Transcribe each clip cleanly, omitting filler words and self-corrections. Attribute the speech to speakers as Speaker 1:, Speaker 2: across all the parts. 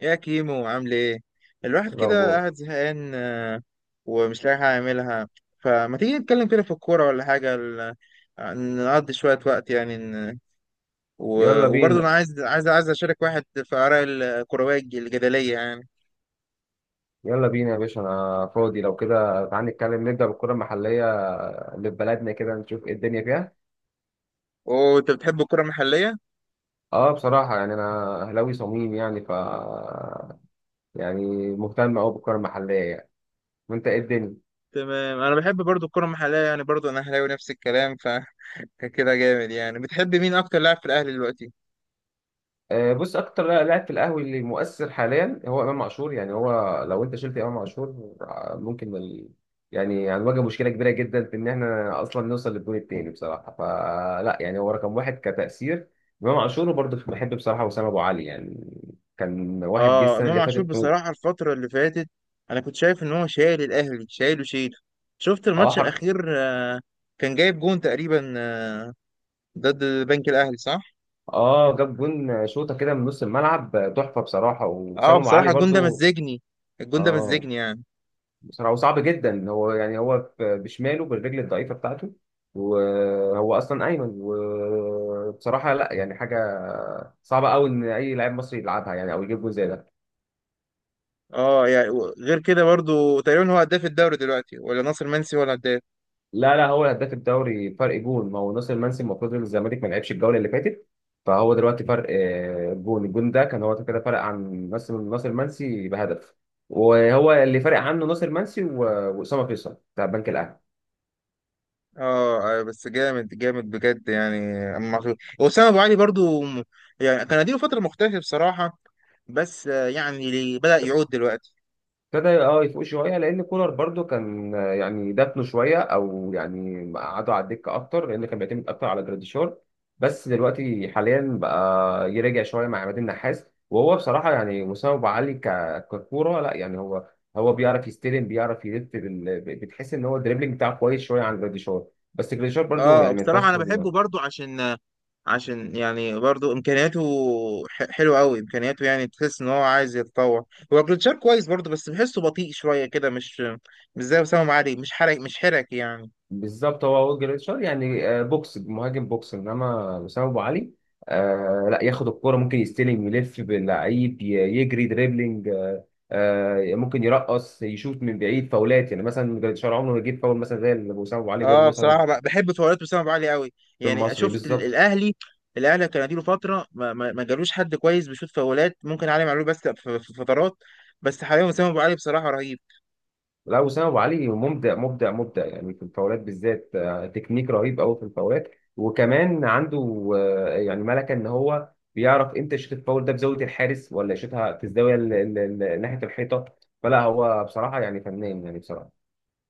Speaker 1: يا كيمو، عامل ايه؟ الواحد كده
Speaker 2: الأخبار.
Speaker 1: قاعد زهقان، ومش لاقي حاجه يعملها. فما تيجي نتكلم كده في الكوره ولا حاجه؟ نقضي شويه وقت يعني.
Speaker 2: يلا
Speaker 1: وبرضه انا
Speaker 2: بينا،
Speaker 1: عايز اشارك واحد في اراء الكرويه الجدليه يعني.
Speaker 2: يلا بينا يا باشا، أنا فاضي. لو كده تعالى نتكلم، نبدأ بالكرة المحلية اللي في بلدنا كده، نشوف إيه الدنيا فيها.
Speaker 1: وانت بتحب الكره المحليه؟
Speaker 2: أه بصراحة يعني أنا أهلاوي صميم، يعني ف يعني مهتم أوي بالكرة المحلية يعني. وأنت إيه الدنيا؟
Speaker 1: تمام، انا بحب برضه الكره المحليه يعني. برضه انا اهلاوي، نفس الكلام فكده. جامد يعني. بتحب مين اكتر لاعب في الاهلي دلوقتي؟
Speaker 2: بص، اكتر لاعب في القهوي اللي مؤثر حاليا هو امام عاشور. يعني هو لو انت شلت امام عاشور يعني هنواجه مشكله كبيره جدا في ان احنا اصلا نوصل للجون التاني بصراحه. فلا يعني هو رقم واحد كتاثير امام عاشور. وبرضه بحب بصراحه وسام ابو علي يعني، كان واحد جه
Speaker 1: اه،
Speaker 2: السنه
Speaker 1: امام
Speaker 2: اللي
Speaker 1: عاشور
Speaker 2: فاتت موت.
Speaker 1: بصراحه. الفتره اللي فاتت انا كنت شايف ان هو شايل الاهلي، شيل. شفت
Speaker 2: اه
Speaker 1: الماتش
Speaker 2: حر...
Speaker 1: الاخير؟ كان جايب جون تقريبا، ضد بنك الاهلي، صح؟
Speaker 2: اه، جاب جون شوطه كده من نص الملعب تحفه بصراحه.
Speaker 1: اه
Speaker 2: وسام ابو
Speaker 1: بصراحه
Speaker 2: علي
Speaker 1: الجون ده
Speaker 2: برضه،
Speaker 1: مزجني، الجون ده
Speaker 2: اه
Speaker 1: مزجني يعني.
Speaker 2: بصراحة هو صعب جدا. هو يعني هو بشماله بالرجل الضعيفة بتاعته، وهو أصلا أيمن. وبصراحة لا يعني حاجة صعبة أوي إن أي لاعب مصري يلعبها يعني أو يجيب جول زي ده.
Speaker 1: اه يعني غير كده برضو تقريبا هو هداف الدوري دلوقتي، ولا ناصر منسي ولا هداف؟
Speaker 2: لا هو هداف الدوري، فرق جون ما هو ناصر منسي، المفروض إن الزمالك ما لعبش الجولة اللي فاتت. فهو دلوقتي فرق جون، الجون ده كان هو كده فرق عن ناصر، ناصر منسي بهدف. وهو اللي فرق عنه ناصر منسي وأسامة فيصل بتاع البنك الأهلي.
Speaker 1: اه، بس جامد جامد بجد يعني. امام عاشور، وسام ابو علي برضو يعني كان اديله فتره مختلفه بصراحه. بس يعني بدأ يعود دلوقتي.
Speaker 2: ابتدى اه يفوق شويه، لان كولر برضو كان يعني دفنه شويه او يعني قعدوا على الدكه اكتر، لان كان بيعتمد اكتر على جراديشار. بس دلوقتي حاليا بقى يرجع شويه مع عماد النحاس، وهو بصراحه يعني مستوى أبو علي ككوره لا يعني، هو هو بيعرف يستلم، بيعرف يلف بتحس ان هو الدريبلينج بتاعه كويس شويه عن جراديشار. بس جراديشار برضو
Speaker 1: اه
Speaker 2: يعني ما
Speaker 1: بصراحة
Speaker 2: ينفعش.
Speaker 1: انا بحبه برضو، عشان يعني برضو امكانياته حلوة قوي. امكانياته يعني تحس ان هو عايز يتطور. هو جلتشار كويس برضو، بس بحسه بطيء شوية كده، مش زي وسام ابو علي. مش حرك، مش حرك يعني.
Speaker 2: بالظبط، هو جريتشار يعني بوكس مهاجم بوكس، انما وسام ابو علي آه لا، ياخد الكرة ممكن يستلم، يلف باللعيب، يجري دريبلينج آه، آه ممكن يرقص، يشوط من بعيد، فاولات. يعني مثلا جريتشار عمره ما يجيب فاول مثلا زي اللي وسام ابو علي جابه
Speaker 1: اه
Speaker 2: مثلا
Speaker 1: بصراحة بحب فوريات وسام ابو علي قوي.
Speaker 2: في
Speaker 1: يعني
Speaker 2: المصري
Speaker 1: شفت
Speaker 2: بالظبط.
Speaker 1: الاهلي، الاهلي كان اديله فترة ما جالوش حد كويس بيشوط فاولات. ممكن علي معلول، بس في فترات. بس حاليا وسام ابو علي بصراحة رهيب.
Speaker 2: لا، وسام ابو علي مبدع مبدع يعني في الفاولات بالذات تكنيك رهيب قوي في الفاولات. وكمان عنده يعني ملكه، ان هو بيعرف امتى يشوط الفاول ده بزاويه الحارس، ولا يشوطها في الزاويه ناحيه الحيطه. فلا هو بصراحه يعني فنان يعني بصراحه.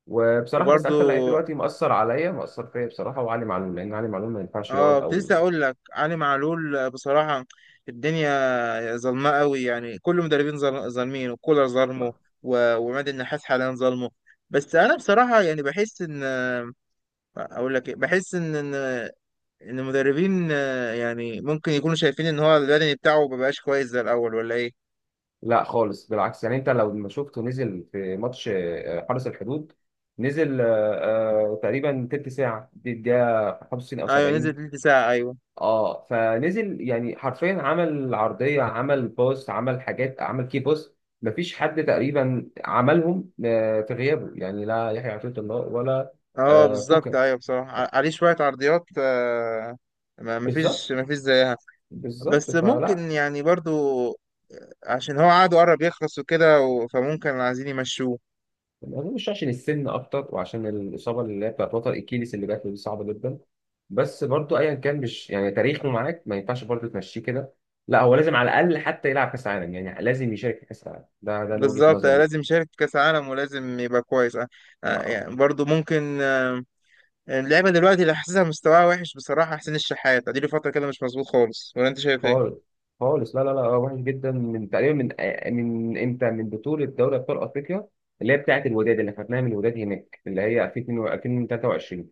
Speaker 2: وبصراحه بس
Speaker 1: وبرضو
Speaker 2: اكتر لعيب دلوقتي مأثر عليا، مأثر فيا بصراحه، وعلي معلول، لان علي معلول ما ينفعش يقعد
Speaker 1: اه، كنت لسه
Speaker 2: او
Speaker 1: اقول لك علي معلول بصراحه. الدنيا ظلمه قوي يعني. كل المدربين ظالمين، وكولر ظلمه، وعماد النحاس حاليا ظلمه. بس انا بصراحه يعني بحس ان، اقول لك إيه، بحس ان إن المدربين يعني ممكن يكونوا شايفين ان هو البدني بتاعه مبقاش كويس زي الاول ولا ايه.
Speaker 2: لا خالص، بالعكس. يعني انت لو ما شفته نزل في ماتش حرس الحدود، نزل تقريبا تلت ساعة، دي الدقيقة 65 أو
Speaker 1: ايوه، نزل
Speaker 2: 70.
Speaker 1: تلت ساعه، ايوه.
Speaker 2: اه فنزل، يعني حرفيا عمل عرضية، عمل باص، عمل حاجات، عمل كي باص. مفيش حد تقريبا عملهم في غيابه، يعني لا يحيى عطية الله ولا
Speaker 1: اه بالظبط
Speaker 2: كوكا.
Speaker 1: ايوه، بصراحه عليه شويه عرضيات، ما مفيش
Speaker 2: بالظبط،
Speaker 1: مفيش زيها.
Speaker 2: بالظبط
Speaker 1: بس
Speaker 2: فلا،
Speaker 1: ممكن يعني برضو، عشان هو عقده قرب يخلص وكده، فممكن عايزين يمشوه.
Speaker 2: ما اظنش عشان السن اكتر، وعشان الاصابه اللي هي بتاعت وتر الاكيليس اللي جات له دي صعبه جدا. بس برضو ايا كان، مش يعني تاريخه معاك ما ينفعش برضو تمشيه كده. لا، هو لازم على الاقل حتى يلعب كاس عالم، يعني لازم يشارك في كاس العالم ده، ده أنا وجهه
Speaker 1: بالظبط،
Speaker 2: نظري.
Speaker 1: لازم يشارك في كأس عالم ولازم يبقى كويس،
Speaker 2: لا،
Speaker 1: يعني برضه ممكن، اللعيبة دلوقتي اللي حاسسها مستواها وحش بصراحة. حسين الشحات اديله فترة كده مش مظبوط خالص، ولا انت شايف ايه؟
Speaker 2: خالص، خالص، لا وحش جدا من تقريبا من من امتى، من بطوله دوري ابطال افريقيا اللي هي بتاعت الوداد، اللي خدناها من الوداد هناك، اللي هي 2022،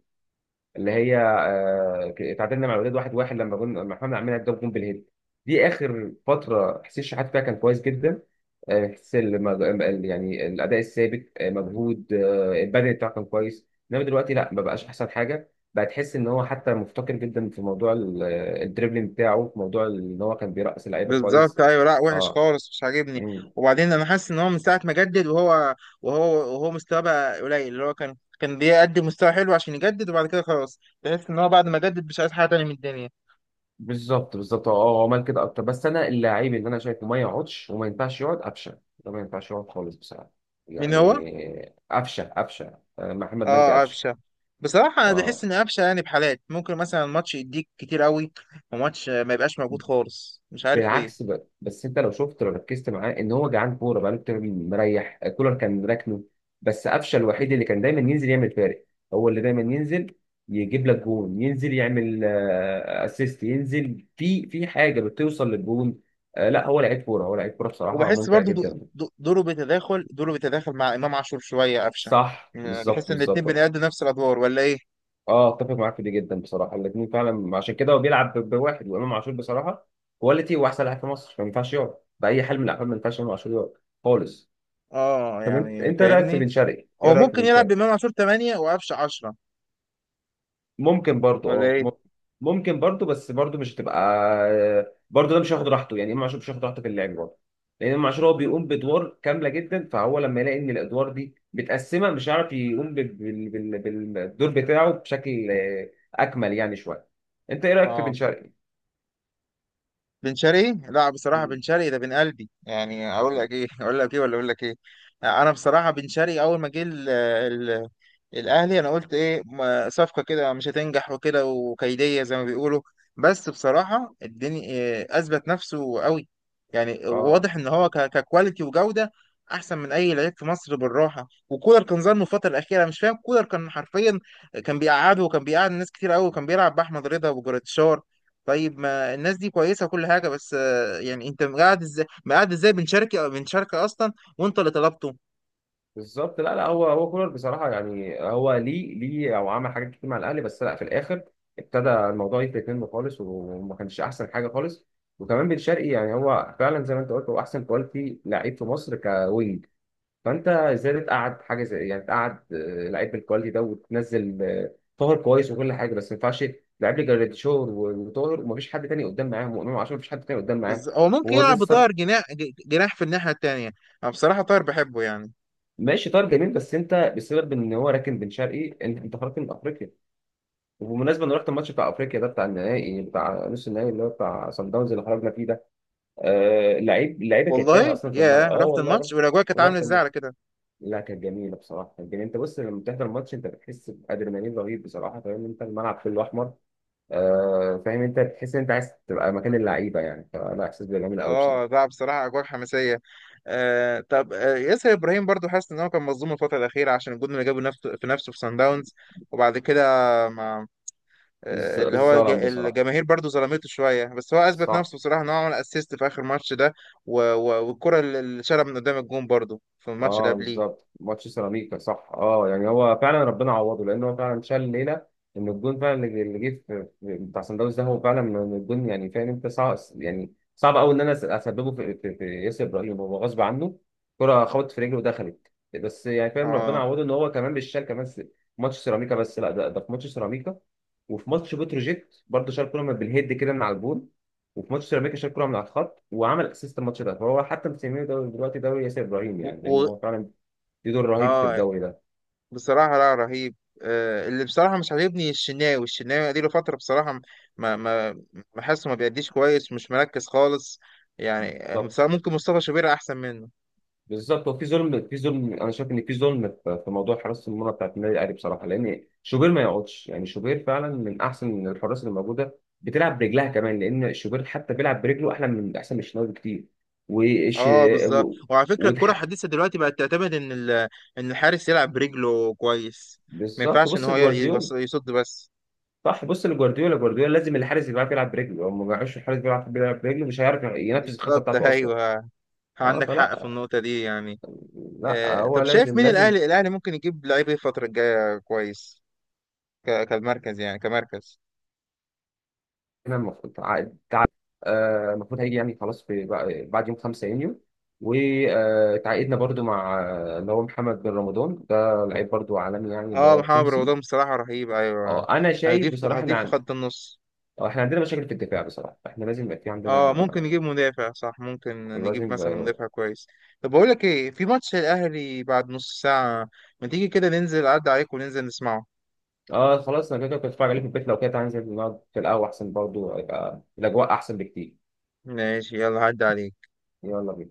Speaker 2: اللي هي اتعادلنا مع الوداد واحد واحد لما جون، لما احنا عملنا الجون بالهيد. دي اخر فتره حسين شحات فيها كان كويس جدا يعني الاداء الثابت مجهود البدني بتاعه كان كويس. انما دلوقتي لا، ما بقاش احسن حاجه، بقى تحس ان هو حتى مفتقر جدا في موضوع الدريبلينج بتاعه، في موضوع ان هو كان بيرقص اللعيبه
Speaker 1: بالظبط
Speaker 2: كويس.
Speaker 1: ايوه، لا وحش
Speaker 2: اه.
Speaker 1: خالص، مش عاجبني.
Speaker 2: مم.
Speaker 1: وبعدين انا حاسس ان هو من ساعة ما جدد وهو وهو مستواه بقى قليل. اللي هو كان بيقدم مستوى حلو عشان يجدد، وبعد كده خلاص تحس ان هو بعد ما جدد مش عايز حاجة تانية من الدنيا.
Speaker 2: بالظبط، بالظبط، اه هو عمل كده اكتر، بس انا اللعيب اللي انا شايفه ما يقعدش وما ينفعش يقعد قفشه. ده ما ينفعش يقعد خالص بصراحه،
Speaker 1: مين هو؟
Speaker 2: يعني قفشه. محمد مجدي
Speaker 1: اه،
Speaker 2: قفشه.
Speaker 1: قفشه. بصراحه انا بحس
Speaker 2: اه
Speaker 1: ان قفشه يعني بحالات ممكن مثلا ماتش يديك كتير قوي، وماتش ما يبقاش موجود خالص، مش عارف ليه.
Speaker 2: بالعكس، بس انت لو شفت، لو ركزت معاه ان هو جعان كوره بقاله كتير، مريح. كولر كان راكنه، بس قفشه الوحيد اللي كان دايما ينزل يعمل فارق، هو اللي دايما ينزل يجيب لك جون، ينزل يعمل اسيست، ينزل في في حاجه بتوصل للجون. لا هو لعيب كوره، هو لعيب كوره بصراحه
Speaker 1: وبحس
Speaker 2: ممتع
Speaker 1: برضو
Speaker 2: جدا.
Speaker 1: دوره بيتداخل، دوره بيتداخل مع امام عاشور شويه، قفشه.
Speaker 2: صح،
Speaker 1: يعني
Speaker 2: بالظبط،
Speaker 1: بحس ان الاتنين
Speaker 2: بالظبط.
Speaker 1: بيأدوا نفس الادوار، ولا ايه؟
Speaker 2: اه، اتفق معاك في دي جدا بصراحه، الاثنين فعلا عشان كده. هو بيلعب بواحد، وامام عاشور بصراحه كواليتي، واحسن لاعب في مصر، فما ينفعش يقعد باي حال من الاحوال. ما ينفعش امام عاشور يقعد خالص.
Speaker 1: اه
Speaker 2: طب انت،
Speaker 1: يعني
Speaker 2: انت إيه رايك في
Speaker 1: فاهمني.
Speaker 2: بن شرقي؟ ايه
Speaker 1: هو
Speaker 2: رايك في
Speaker 1: ممكن
Speaker 2: بن
Speaker 1: يلعب
Speaker 2: شرقي؟
Speaker 1: بامام عاشور 8 وقفشه 10،
Speaker 2: ممكن برضو
Speaker 1: ولا
Speaker 2: اه
Speaker 1: ايه؟
Speaker 2: ممكن برضو، بس برضو مش هتبقى، برضو ده مش هياخد راحته. يعني امام عاشور مش هياخد راحته في اللعب برضه، لان امام عاشور هو بيقوم بادوار كامله جدا، فهو لما يلاقي ان الادوار دي متقسمه مش هيعرف يقوم بالدور بتاعه بشكل اكمل يعني شويه. انت ايه رايك في بن
Speaker 1: اه.
Speaker 2: شرقي؟
Speaker 1: بن شرقي، لا بصراحه
Speaker 2: حلو.
Speaker 1: بن شرقي ده بن قلبي يعني. اقول لك ايه اقول لك ايه، ولا اقول لك ايه. انا بصراحه بن شرقي اول ما جه الاهلي، انا قلت ايه، صفقه كده مش هتنجح وكده، وكيديه زي ما بيقولوا. بس بصراحه الدنيا إيه، اثبت نفسه قوي. يعني
Speaker 2: اه
Speaker 1: واضح ان هو ككواليتي وجوده احسن من اي لعيب في مصر بالراحه. وكولر كان ظلمه الفتره الاخيره، مش فاهم. كولر كان حرفيا كان بيقعده، وكان بيقعد ناس كتير قوي، وكان بيلعب باحمد رضا وجراديشار. طيب ما الناس دي كويسه وكل حاجه، بس يعني انت مقعد ازاي، مقعد ازاي بن شرقي؟ بن شرقي اصلا وانت اللي طلبته.
Speaker 2: بالظبط. لا لا، هو كولر بصراحه يعني هو ليه، ليه او عمل حاجات كتير مع الاهلي، بس لا في الاخر ابتدى الموضوع يفلت منه خالص، وما كانش احسن حاجه خالص. وكمان بن شرقي يعني هو فعلا زي ما انت قلت هو احسن كواليتي لعيب في مصر كوينج، فانت ازاي تقعد حاجه زي، يعني تقعد لعيب بالكواليتي ده، وتنزل طاهر كويس وكل حاجه، بس ما ينفعش. لعيب لي جراديشور وطاهر، ومفيش حد تاني قدام معاهم، وامام عاشور مفيش حد تاني قدام معاهم،
Speaker 1: هو ممكن
Speaker 2: وهو ده
Speaker 1: يلعب بطاهر
Speaker 2: السبب.
Speaker 1: جناح، جناح في الناحيه التانيه. انا بصراحه طاهر بحبه يعني.
Speaker 2: ماشي، طاهر جميل، بس انت بسبب ان هو راكن بن شرقي انت، انت خرجت من افريقيا. وبمناسبة أنا رحت الماتش بتاع أفريقيا ده، بتاع النهائي، بتاع نص النهائي اللي هو بتاع صن داونز اللي خرجنا فيه ده، آه اللعيب، اللعيبة كانت تايهة
Speaker 1: والله
Speaker 2: أصلا في
Speaker 1: يا،
Speaker 2: الملعب. أه
Speaker 1: رحت
Speaker 2: والله
Speaker 1: الماتش؟
Speaker 2: رحت،
Speaker 1: والاجواء كانت عامله
Speaker 2: رحت
Speaker 1: ازاي على
Speaker 2: الماتش.
Speaker 1: كده؟
Speaker 2: لا كانت جميلة بصراحة، كانت جميلة. أنت بص لما بتحضر الماتش أنت بتحس بأدرينالين رهيب بصراحة. فاهم أنت، الملعب كله أحمر آه، فاهم أنت، بتحس إن أنت عايز تبقى مكان اللعيبة يعني. فلا إحساس جميل أوي
Speaker 1: اه
Speaker 2: بصراحة.
Speaker 1: لا بصراحه اجواء حماسيه. آه طب، آه ياسر ابراهيم برضو حاسس ان هو كان مظلوم الفتره الاخيره، عشان الجون اللي جابه نفسه في نفسه في سان داونز. وبعد كده ما، اللي هو
Speaker 2: الظلم بصراحة،
Speaker 1: الجماهير برضو ظلمته شويه، بس هو اثبت
Speaker 2: صح.
Speaker 1: نفسه بصراحه، ان هو عمل اسيست في اخر ماتش ده. والكره اللي شالها من قدام الجون برضو في الماتش اللي
Speaker 2: اه
Speaker 1: قبليه.
Speaker 2: بالظبط، ماتش سيراميكا صح. اه يعني هو فعلا ربنا عوضه، لان هو فعلا شال ليله ان الجون فعلا اللي اللي جه في بتاع سان داونز ده، هو فعلا من الجون يعني. فاهم انت، صعب يعني، صعب قوي ان انا اسببه في ياسر ابراهيم. هو غصب عنه كرة خبطت في رجله ودخلت. بس يعني فاهم، ربنا
Speaker 1: اه.
Speaker 2: عوضه ان هو كمان مش شال كمان ماتش سيراميكا. بس لا ده، في ماتش سيراميكا وفي ماتش بتروجيت برضه شال كرة من بالهيد كده من على الجون. وفي ماتش سيراميكا شال كوره من على الخط وعمل اسيست الماتش ده. فهو حتى مسميه دلوقتي دوري ياسر ابراهيم،
Speaker 1: و...
Speaker 2: يعني لان
Speaker 1: و...
Speaker 2: هو فعلا ليه دور رهيب في
Speaker 1: اه
Speaker 2: الدوري ده.
Speaker 1: بصراحه، لا رهيب. آه اللي بصراحه مش عاجبني الشناوي. الشناوي اديله فتره بصراحه ما ما بحسه ما بيأديش كويس، مش مركز خالص يعني. بصراحه
Speaker 2: بالظبط،
Speaker 1: ممكن مصطفى شوبير احسن منه.
Speaker 2: بالظبط، وفي ظلم، في ظلم، انا شايف ان في ظلم في في موضوع حراسه المرمى بتاعت النادي الاهلي بصراحه، لان شوبير ما يقعدش. يعني شوبير فعلا من احسن الحراس اللي موجوده، بتلعب برجلها كمان، لان شوبير حتى بيلعب برجله احلى، من احسن من الشناوي بكتير. وش
Speaker 1: اه بالظبط،
Speaker 2: و...
Speaker 1: وعلى فكره
Speaker 2: وده
Speaker 1: الكره الحديثه دلوقتي بقت تعتمد ان ان الحارس يلعب برجله كويس. ما
Speaker 2: بالظبط،
Speaker 1: ينفعش ان
Speaker 2: بص
Speaker 1: هو
Speaker 2: لجوارديولا.
Speaker 1: يصد بس.
Speaker 2: صح، بص لجوارديولا، جوارديولا لازم الحارس يبقى عارف يلعب برجله. لو ما بيعرفش الحارس بيلعب، برجله مش هيعرف ينفذ الخطه
Speaker 1: بالظبط
Speaker 2: بتاعته اصلا.
Speaker 1: ايوه،
Speaker 2: اه
Speaker 1: عندك حق في
Speaker 2: فلا،
Speaker 1: النقطه دي يعني.
Speaker 2: لا
Speaker 1: آه
Speaker 2: هو
Speaker 1: طب، شايف
Speaker 2: لازم
Speaker 1: مين
Speaker 2: لازم
Speaker 1: الاهلي، الاهلي ممكن يجيب لعيب ايه الفتره الجايه كويس؟ كالمركز، يعني كمركز.
Speaker 2: احنا المفروض المفروض هيجي يعني خلاص في بعد يوم 5 يونيو. وتعاقدنا برضو مع اللي هو محمد بن رمضان ده، لعيب برضو عالمي يعني، اللي
Speaker 1: اه
Speaker 2: هو
Speaker 1: محمد
Speaker 2: التونسي.
Speaker 1: رمضان بصراحه رهيب ايوه،
Speaker 2: اه انا شايف
Speaker 1: هيضيف،
Speaker 2: بصراحه ان
Speaker 1: هيضيف في خط النص.
Speaker 2: احنا عندنا مشاكل في الدفاع بصراحه، احنا لازم يبقى في
Speaker 1: اه
Speaker 2: عندنا.
Speaker 1: ممكن نجيب مدافع، صح، ممكن نجيب
Speaker 2: لازم.
Speaker 1: مثلا مدافع كويس. طب بقول لك ايه، في ماتش الاهلي بعد نص ساعة، ما تيجي كده ننزل؟ عدى عليك وننزل نسمعه.
Speaker 2: اه خلاص، انا كده كده كنت اتفرج عليه في البيت. لو كده تعالى ننزل نقعد في القهوة احسن، برضو يبقى الاجواء احسن بكتير.
Speaker 1: ماشي، يلا عدى عليك.
Speaker 2: يلا بينا.